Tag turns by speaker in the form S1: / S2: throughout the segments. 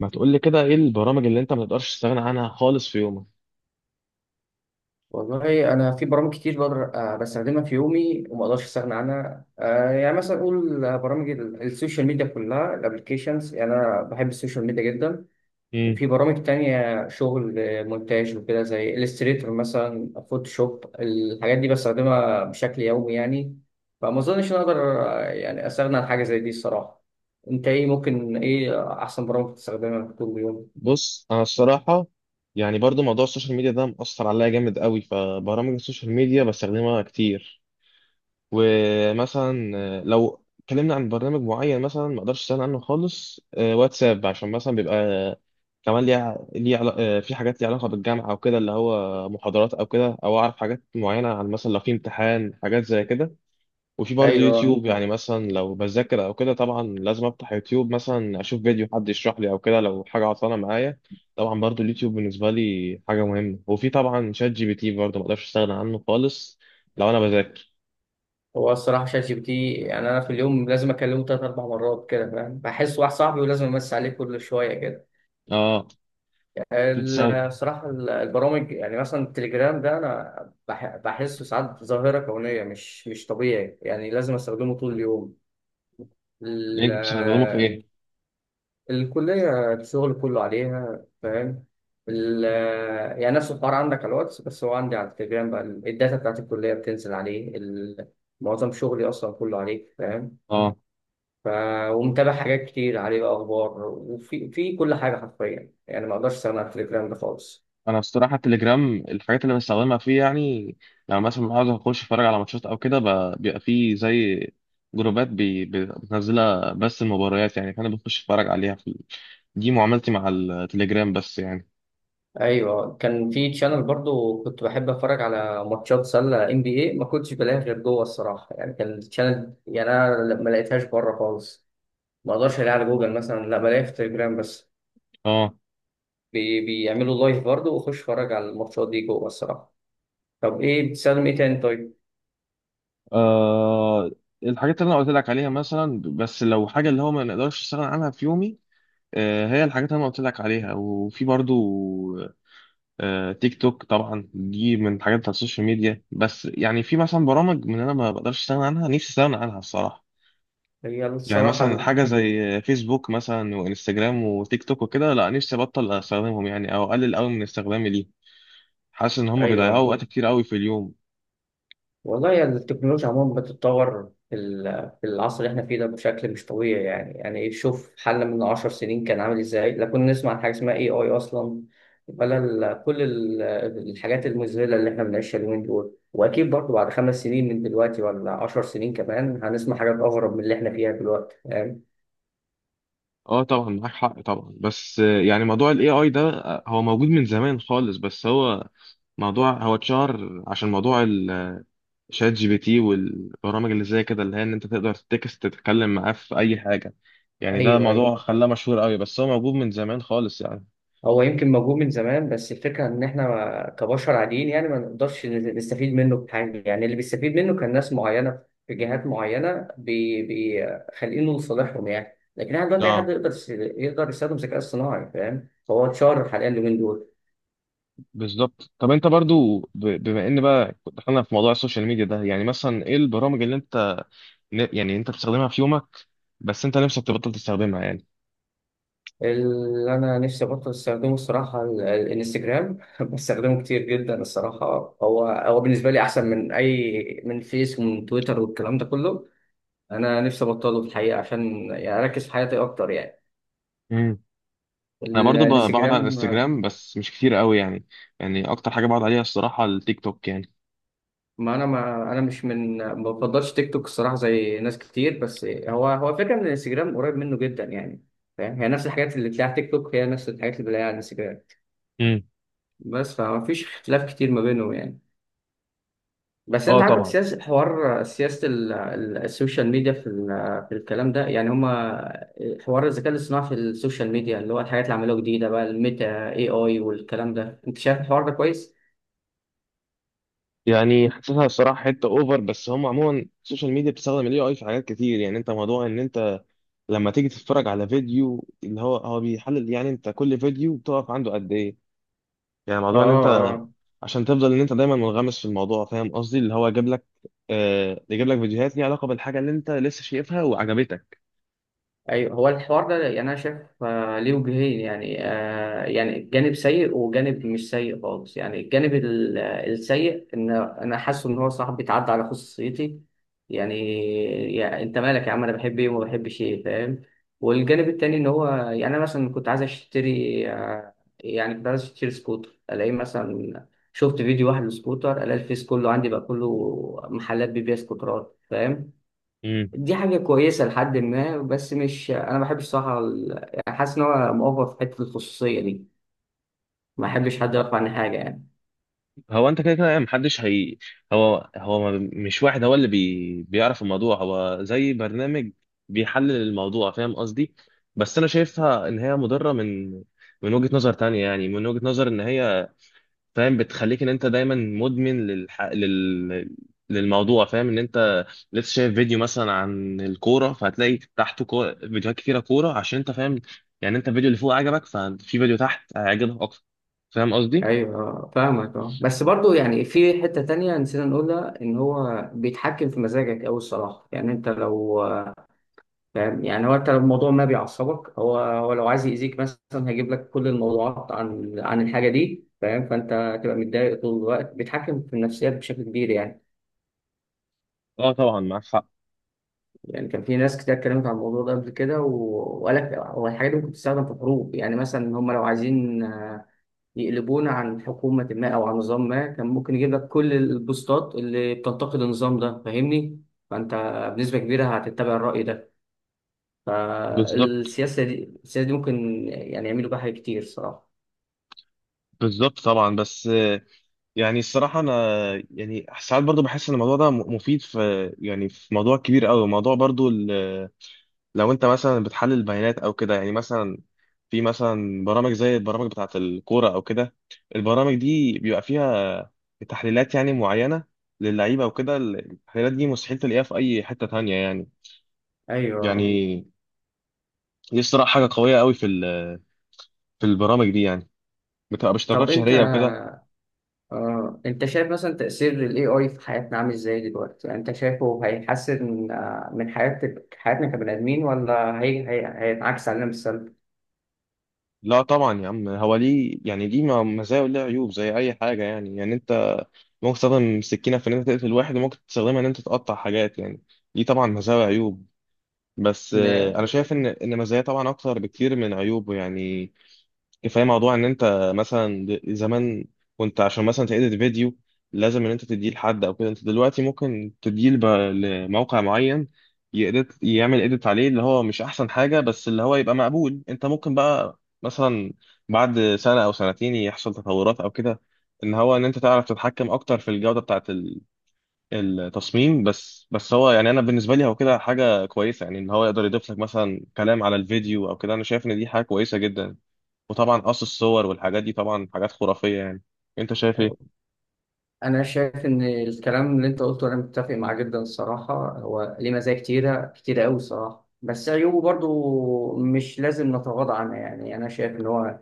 S1: ما تقول لي كده ايه البرامج اللي انت ما تقدرش تستغنى عنها خالص في يومك؟
S2: والله انا في برامج كتير بقدر، بستخدمها في يومي وما اقدرش استغنى عنها. يعني مثلا اقول، برامج السوشيال ميديا كلها الابلكيشنز، يعني انا بحب السوشيال ميديا جدا.
S1: امم.
S2: وفي برامج تانية شغل، مونتاج وكده، زي الستريتور مثلا، فوتوشوب، الحاجات دي بستخدمها بشكل يومي يعني. فما اظنش ان أنا اقدر يعني استغنى عن حاجة زي دي الصراحة. انت ايه، ممكن ايه احسن برامج بتستخدمها طول اليوم؟
S1: بص، انا الصراحه يعني برضو موضوع السوشيال ميديا ده مأثر عليا جامد قوي، فبرامج السوشيال ميديا بستخدمها كتير. ومثلا لو اتكلمنا عن برنامج معين مثلا ما اقدرش استغنى عنه خالص، واتساب، عشان مثلا بيبقى كمان ليه في حاجات ليها علاقه بالجامعه او كده، اللي هو محاضرات او كده، او اعرف حاجات معينه عن مثلا لو في امتحان حاجات زي كده. وفي برضه
S2: ايوه.
S1: يوتيوب، يعني مثلا لو بذاكر او كده طبعا لازم افتح يوتيوب مثلا اشوف فيديو حد يشرح لي او كده لو حاجه عطلانه معايا. طبعا برضه اليوتيوب بالنسبه لي حاجه مهمه، وفي طبعا شات جي بي تي برضه ما اقدرش استغنى عنه خالص لو انا بذاكر.
S2: هو الصراحة شات جي بي تي يعني أنا في اليوم لازم أكلمه تلات أربع مرات كده، فاهم، بحس واحد صاحبي ولازم أمسي عليه كل شوية كده.
S1: اه. بتستخدم،
S2: الصراحة البرامج يعني مثلا التليجرام ده أنا بحسه ساعات ظاهرة كونية، مش طبيعي يعني، لازم أستخدمه طول اليوم. ال-
S1: انت بتستخدمه في ايه؟
S2: الكلية الشغل كله عليها، فاهم. ال- يعني نفس الحوار عندك على الواتس، بس هو عندي على التليجرام، بقى الداتا بتاعت الكلية بتنزل عليه. معظم شغلي أصلا كله عليه، فاهم.
S1: اه،
S2: ف... ومتابع حاجات كتير عليه، بقى اخبار وفي كل حاجه حرفيا يعني، ما اقدرش استغنى عن التليجرام ده خالص.
S1: انا الصراحه التليجرام الحاجات اللي بستخدمها فيه يعني لما مثلا عاوز اخش اتفرج على ماتشات او كده، بيبقى فيه زي جروبات بتنزلها بس المباريات يعني، فانا بخش اتفرج عليها في. دي معاملتي مع التليجرام بس يعني.
S2: ايوه، كان في تشانل برضو كنت بحب اتفرج على ماتشات سله ام بي اي، ما كنتش بلاقيها غير جوه الصراحه يعني، كان التشانل يعني انا ما لقيتهاش بره خالص. ما اقدرش الاقيها على جوجل مثلا، لا بلاقيها في التليجرام بس.
S1: اه،
S2: بيعملوا لايف برضو، واخش اتفرج على الماتشات دي جوه الصراحه. طب ايه، بتستخدم ايه تاني؟ طيب.
S1: آه، الحاجات اللي انا قلت لك عليها مثلا، بس لو حاجه اللي هو ما نقدرش نستغنى عنها في يومي هي الحاجات اللي انا قلت لك عليها، وفي برضو تيك توك، طبعا دي من الحاجات بتاعت السوشيال ميديا، بس يعني في مثلا برامج من انا ما بقدرش استغنى عنها نفسي استغنى عنها الصراحه.
S2: هي
S1: يعني
S2: الصراحه
S1: مثلا حاجه زي فيسبوك مثلا وانستجرام وتيك توك وكده، لا نفسي ابطل استخدمهم يعني، او اقلل قوي من استخدامي ليه. حاسس ان هم بيضيعوا
S2: ايوه.
S1: وقت كتير قوي في اليوم.
S2: والله يعني التكنولوجيا عموما بتتطور في في العصر اللي احنا فيه ده بشكل مش طبيعي يعني إيه، شوف حل من 10 سنين كان عامل ازاي، لا كنا نسمع عن حاجة اسمها اي اي اصلا، ولا كل الحاجات المذهلة اللي احنا بنعيشها اليومين دول. واكيد برضه بعد 5 سنين من دلوقتي ولا 10 سنين كمان هنسمع حاجات اغرب من اللي احنا فيها دلوقتي، فاهم.
S1: اه طبعا معاك حق طبعا، بس يعني موضوع الاي اي ده هو موجود من زمان خالص، بس هو موضوع هو اتشهر عشان موضوع شات جي بي تي والبرامج اللي زي كده، اللي هي ان انت تقدر تكست تتكلم معاه في اي حاجه. يعني ده
S2: ايوه ايوه.
S1: موضوع خلاه مشهور قوي، بس هو موجود من زمان خالص يعني.
S2: هو يمكن موجود من زمان بس الفكرة إن إحنا كبشر عاديين يعني ما نقدرش نستفيد منه بحاجة، يعني اللي بيستفيد منه كان ناس معينة في جهات معينة بيخلقينه لصالحهم يعني، لكن إحنا دلوقتي أي حد
S1: اه،
S2: يقدر يقدر يستخدم الذكاء الصناعي، فاهم، هو اتشهر حاليا اليومين دول.
S1: بالظبط. طب انت برضو بما ان بقى دخلنا في موضوع السوشيال ميديا ده، يعني مثلا ايه البرامج اللي انت يعني انت بتستخدمها في يومك بس انت نفسك تبطل تستخدمها يعني؟
S2: اللي أنا نفسي أبطل أستخدمه الصراحة الانستجرام بستخدمه كتير جدا الصراحة. هو بالنسبة لي أحسن من أي من فيس ومن تويتر والكلام ده كله. أنا نفسي أبطله في الحقيقة عشان يعني أركز في حياتي أكتر يعني
S1: امم. انا برضو بقعد على
S2: الانستجرام.
S1: الانستجرام بس مش كتير قوي يعني اكتر حاجه بقعد عليها الصراحه التيك توك يعني.
S2: ما انا مش من، ما بفضلش تيك توك الصراحه زي ناس كتير، بس هو فكره ان الانستجرام قريب منه جدا يعني، فاهم، هي نفس الحاجات اللي بتلاقيها على تيك توك، هي نفس الحاجات اللي بتلاقيها على الانستجرام.
S1: امم.
S2: بس فما فيش اختلاف كتير ما بينهم يعني. بس انت
S1: اه
S2: عاجبك
S1: طبعا.
S2: سياسه حوار سياسه السوشيال ميديا في في الكلام ده يعني، هما حوار الذكاء الاصطناعي في السوشيال ميديا اللي هو الحاجات اللي عملوها جديده بقى الميتا اي اي والكلام ده، انت شايف الحوار ده كويس؟
S1: يعني حاسسها الصراحه حته اوفر، بس هم عموما السوشيال ميديا بتستخدم الاي اي في حاجات كتير، يعني انت موضوع ان انت لما تيجي تتفرج على فيديو اللي هو بيحلل، يعني انت كل فيديو بتقف عنده قد ايه، يعني
S2: اه.
S1: موضوع ان انت
S2: اه.
S1: عشان تفضل ان انت دايما منغمس في الموضوع، فاهم قصدي، اللي هو جاب لك، يجيب لك فيديوهات ليها علاقه بالحاجه اللي انت لسه شايفها وعجبتك.
S2: ايوه. هو الحوار ده يعني انا شايف ليه وجهين يعني، يعني جانب سيء وجانب مش سيء خالص يعني، الجانب السيء ان انا حاسه ان هو صاحب بيتعدى على خصوصيتي، يعني, يعني انت مالك يا عم، انا بحب ايه وما بحبش ايه فاهم. والجانب التاني ان هو يعني انا مثلا كنت عايز اشتري آه، يعني كنت عايز اشتري سكوتر الاقي مثلا، شفت فيديو واحد لسكوتر الاقي الفيس كله عندي بقى، كله محلات بيبيع سكوترات فاهم.
S1: امم.
S2: دي حاجة كويسة لحد ما، بس مش، أنا ما بحبش صراحة يعني حاسس إن هو مؤفر في حتة الخصوصية دي، ما بحبش حد يعرف عني حاجة يعني.
S1: هو انت كده كده يعني محدش هي، هو مش واحد هو اللي بيعرف الموضوع، هو زي برنامج بيحلل الموضوع، فاهم قصدي. بس انا شايفها ان هي مضرة من وجهة نظر تانية، يعني من وجهة نظر ان هي فاهم بتخليك ان انت دايما مدمن للموضوع، فاهم ان انت لسه شايف فيديو مثلا عن الكورة، فهتلاقي تحته فيديوهات كتيرة كورة عشان انت فاهم، يعني انت الفيديو اللي فوق عجبك، ففي فيديو تحت هيعجبك اكتر، فاهم قصدي؟
S2: أيوه. فاهمك أه، بس برضو يعني في حتة تانية نسينا نقولها إن هو بيتحكم في مزاجك أوي الصراحة، يعني أنت لو فاهم، يعني هو أنت لو الموضوع ما بيعصبك، هو لو عايز يأذيك مثلا هيجيب لك كل الموضوعات عن الحاجة دي فاهم، فأنت هتبقى متضايق طول الوقت، بيتحكم في النفسيات بشكل كبير يعني.
S1: اه طبعا معاك حق.
S2: يعني كان في ناس كتير اتكلمت عن الموضوع ده قبل كده وقالك هو الحاجات دي ممكن تستخدم في حروب يعني، مثلا هم لو عايزين يقلبونا عن حكومة ما أو عن نظام ما، كان ممكن يجيب لك كل البوستات اللي بتنتقد النظام ده فاهمني؟ فأنت بنسبة كبيرة هتتبع الرأي ده،
S1: بالظبط.
S2: فالسياسة دي ممكن يعني يعملوا بها حاجات كتير صراحة.
S1: بالظبط طبعا، بس يعني الصراحه انا يعني ساعات برضو بحس ان الموضوع ده مفيد في، يعني في موضوع كبير قوي، موضوع برضو لو انت مثلا بتحلل بيانات او كده، يعني مثلا في مثلا برامج زي البرامج بتاعه الكوره او كده، البرامج دي بيبقى فيها تحليلات يعني معينه للعيبه وكده، التحليلات دي مستحيل تلاقيها في اي حته تانية يعني
S2: أيوه.
S1: يعني دي الصراحه حاجه قويه قوي في في البرامج دي يعني، بتبقى باشتراكات
S2: طب أنت
S1: شهريه وكده.
S2: آه، انت شايف مثلا تأثير ال AI في حياتنا عامل ازاي دلوقتي؟ يعني انت شايفه هيحسن من حياتنا كبني آدمين، ولا هينعكس علينا بالسلب؟
S1: لا طبعا يا عم، هو ليه يعني ليه مزايا وليه عيوب زي اي حاجه يعني انت ممكن تستخدم سكينه في ان انت تقتل واحد، وممكن تستخدمها ان انت تقطع حاجات يعني. ليه طبعا مزايا وعيوب، بس
S2: إن-
S1: انا شايف ان مزايا طبعا اكتر بكتير من عيوبه يعني. كفايه موضوع ان انت مثلا، زمان كنت عشان مثلا تedit فيديو لازم ان انت تديه لحد او كده، انت دلوقتي ممكن تديه لموقع معين يedit، يعمل edit عليه اللي هو مش احسن حاجه بس اللي هو يبقى مقبول، انت ممكن بقى مثلا بعد سنه او سنتين يحصل تطورات او كده ان هو ان انت تعرف تتحكم اكتر في الجوده بتاعه التصميم، بس هو يعني انا بالنسبه لي هو كده حاجه كويسه يعني ان هو يقدر يضيف لك مثلا كلام على الفيديو او كده، انا شايف ان دي حاجه كويسه جدا. وطبعا قص الصور والحاجات دي طبعا حاجات خرافية يعني. انت شايف ايه؟
S2: انا شايف ان الكلام اللي انت قلته انا متفق معاه جدا الصراحة، هو ليه مزايا كتيرة كتيرة قوي الصراحة، بس عيوبه برضو مش لازم نتغاضى عنها يعني. انا شايف ان هو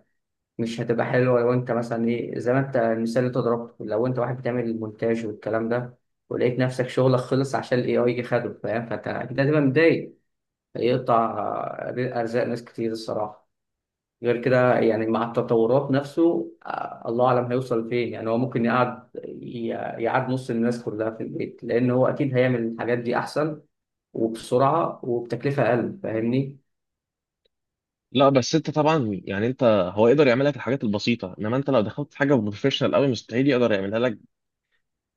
S2: مش هتبقى حلوة لو انت مثلا ايه، زي ما انت المثال اللي انت ضربته، لو انت واحد بتعمل المونتاج والكلام ده ولقيت نفسك شغلك خلص عشان الاي اي يجي خده فاهم، فانت اكيد هتبقى متضايق. هيقطع ارزاق ناس كتير الصراحة، غير كده يعني، مع التطورات نفسه الله اعلم هيوصل فين يعني. هو ممكن يقعد يقعد نص الناس كلها في البيت، لان هو اكيد هيعمل الحاجات دي احسن وبسرعة وبتكلفة اقل فاهمني.
S1: لا بس انت طبعا يعني انت، هو يقدر يعمل لك الحاجات البسيطه، انما انت لو دخلت حاجه بروفيشنال قوي مستحيل يقدر يعملها لك،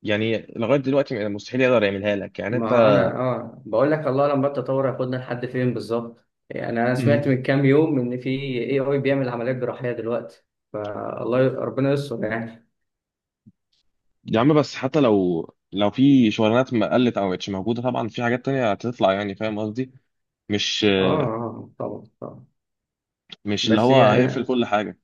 S1: يعني لغايه دلوقتي مستحيل يقدر يعملها لك يعني انت.
S2: ما انا اه بقول لك الله لما التطور هياخدنا لحد فين بالظبط يعني، انا سمعت
S1: مم.
S2: من كام يوم ان في اي اي بيعمل عمليات جراحيه دلوقتي، فالله ربنا يستر يعني.
S1: يا عم بس حتى لو في شغلانات ما قلت او مش موجوده، طبعا في حاجات تانية هتطلع يعني، فاهم قصدي، مش
S2: اه. طبعا طبعا،
S1: مش اللي
S2: بس
S1: هو
S2: هي
S1: هيقفل كل حاجه.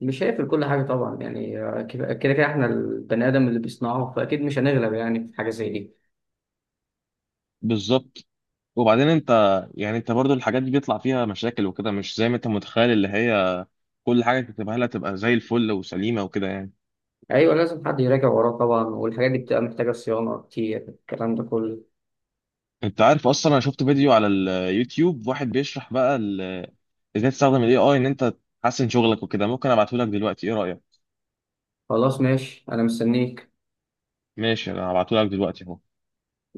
S2: مش هيقفل كل حاجه طبعا يعني، كده كده احنا البني ادم اللي بيصنعه، فاكيد مش هنغلب يعني في حاجه زي دي.
S1: بالظبط، وبعدين انت، يعني انت برضو الحاجات دي بيطلع فيها مشاكل وكده، مش زي ما انت متخيل اللي هي كل حاجه تكتبها لها تبقى زي الفل وسليمه وكده يعني.
S2: ايوه، لازم حد يراجع وراه طبعا، والحاجات دي بتبقى محتاجه صيانه كتير الكلام ده كله.
S1: انت عارف اصلا انا شفت فيديو على اليوتيوب واحد بيشرح بقى ازاي تستخدم الاي اي ان انت تحسن شغلك وكده، ممكن ابعته لك دلوقتي، ايه رايك؟
S2: خلاص ماشي، انا مستنيك.
S1: ماشي، انا هبعته لك دلوقتي.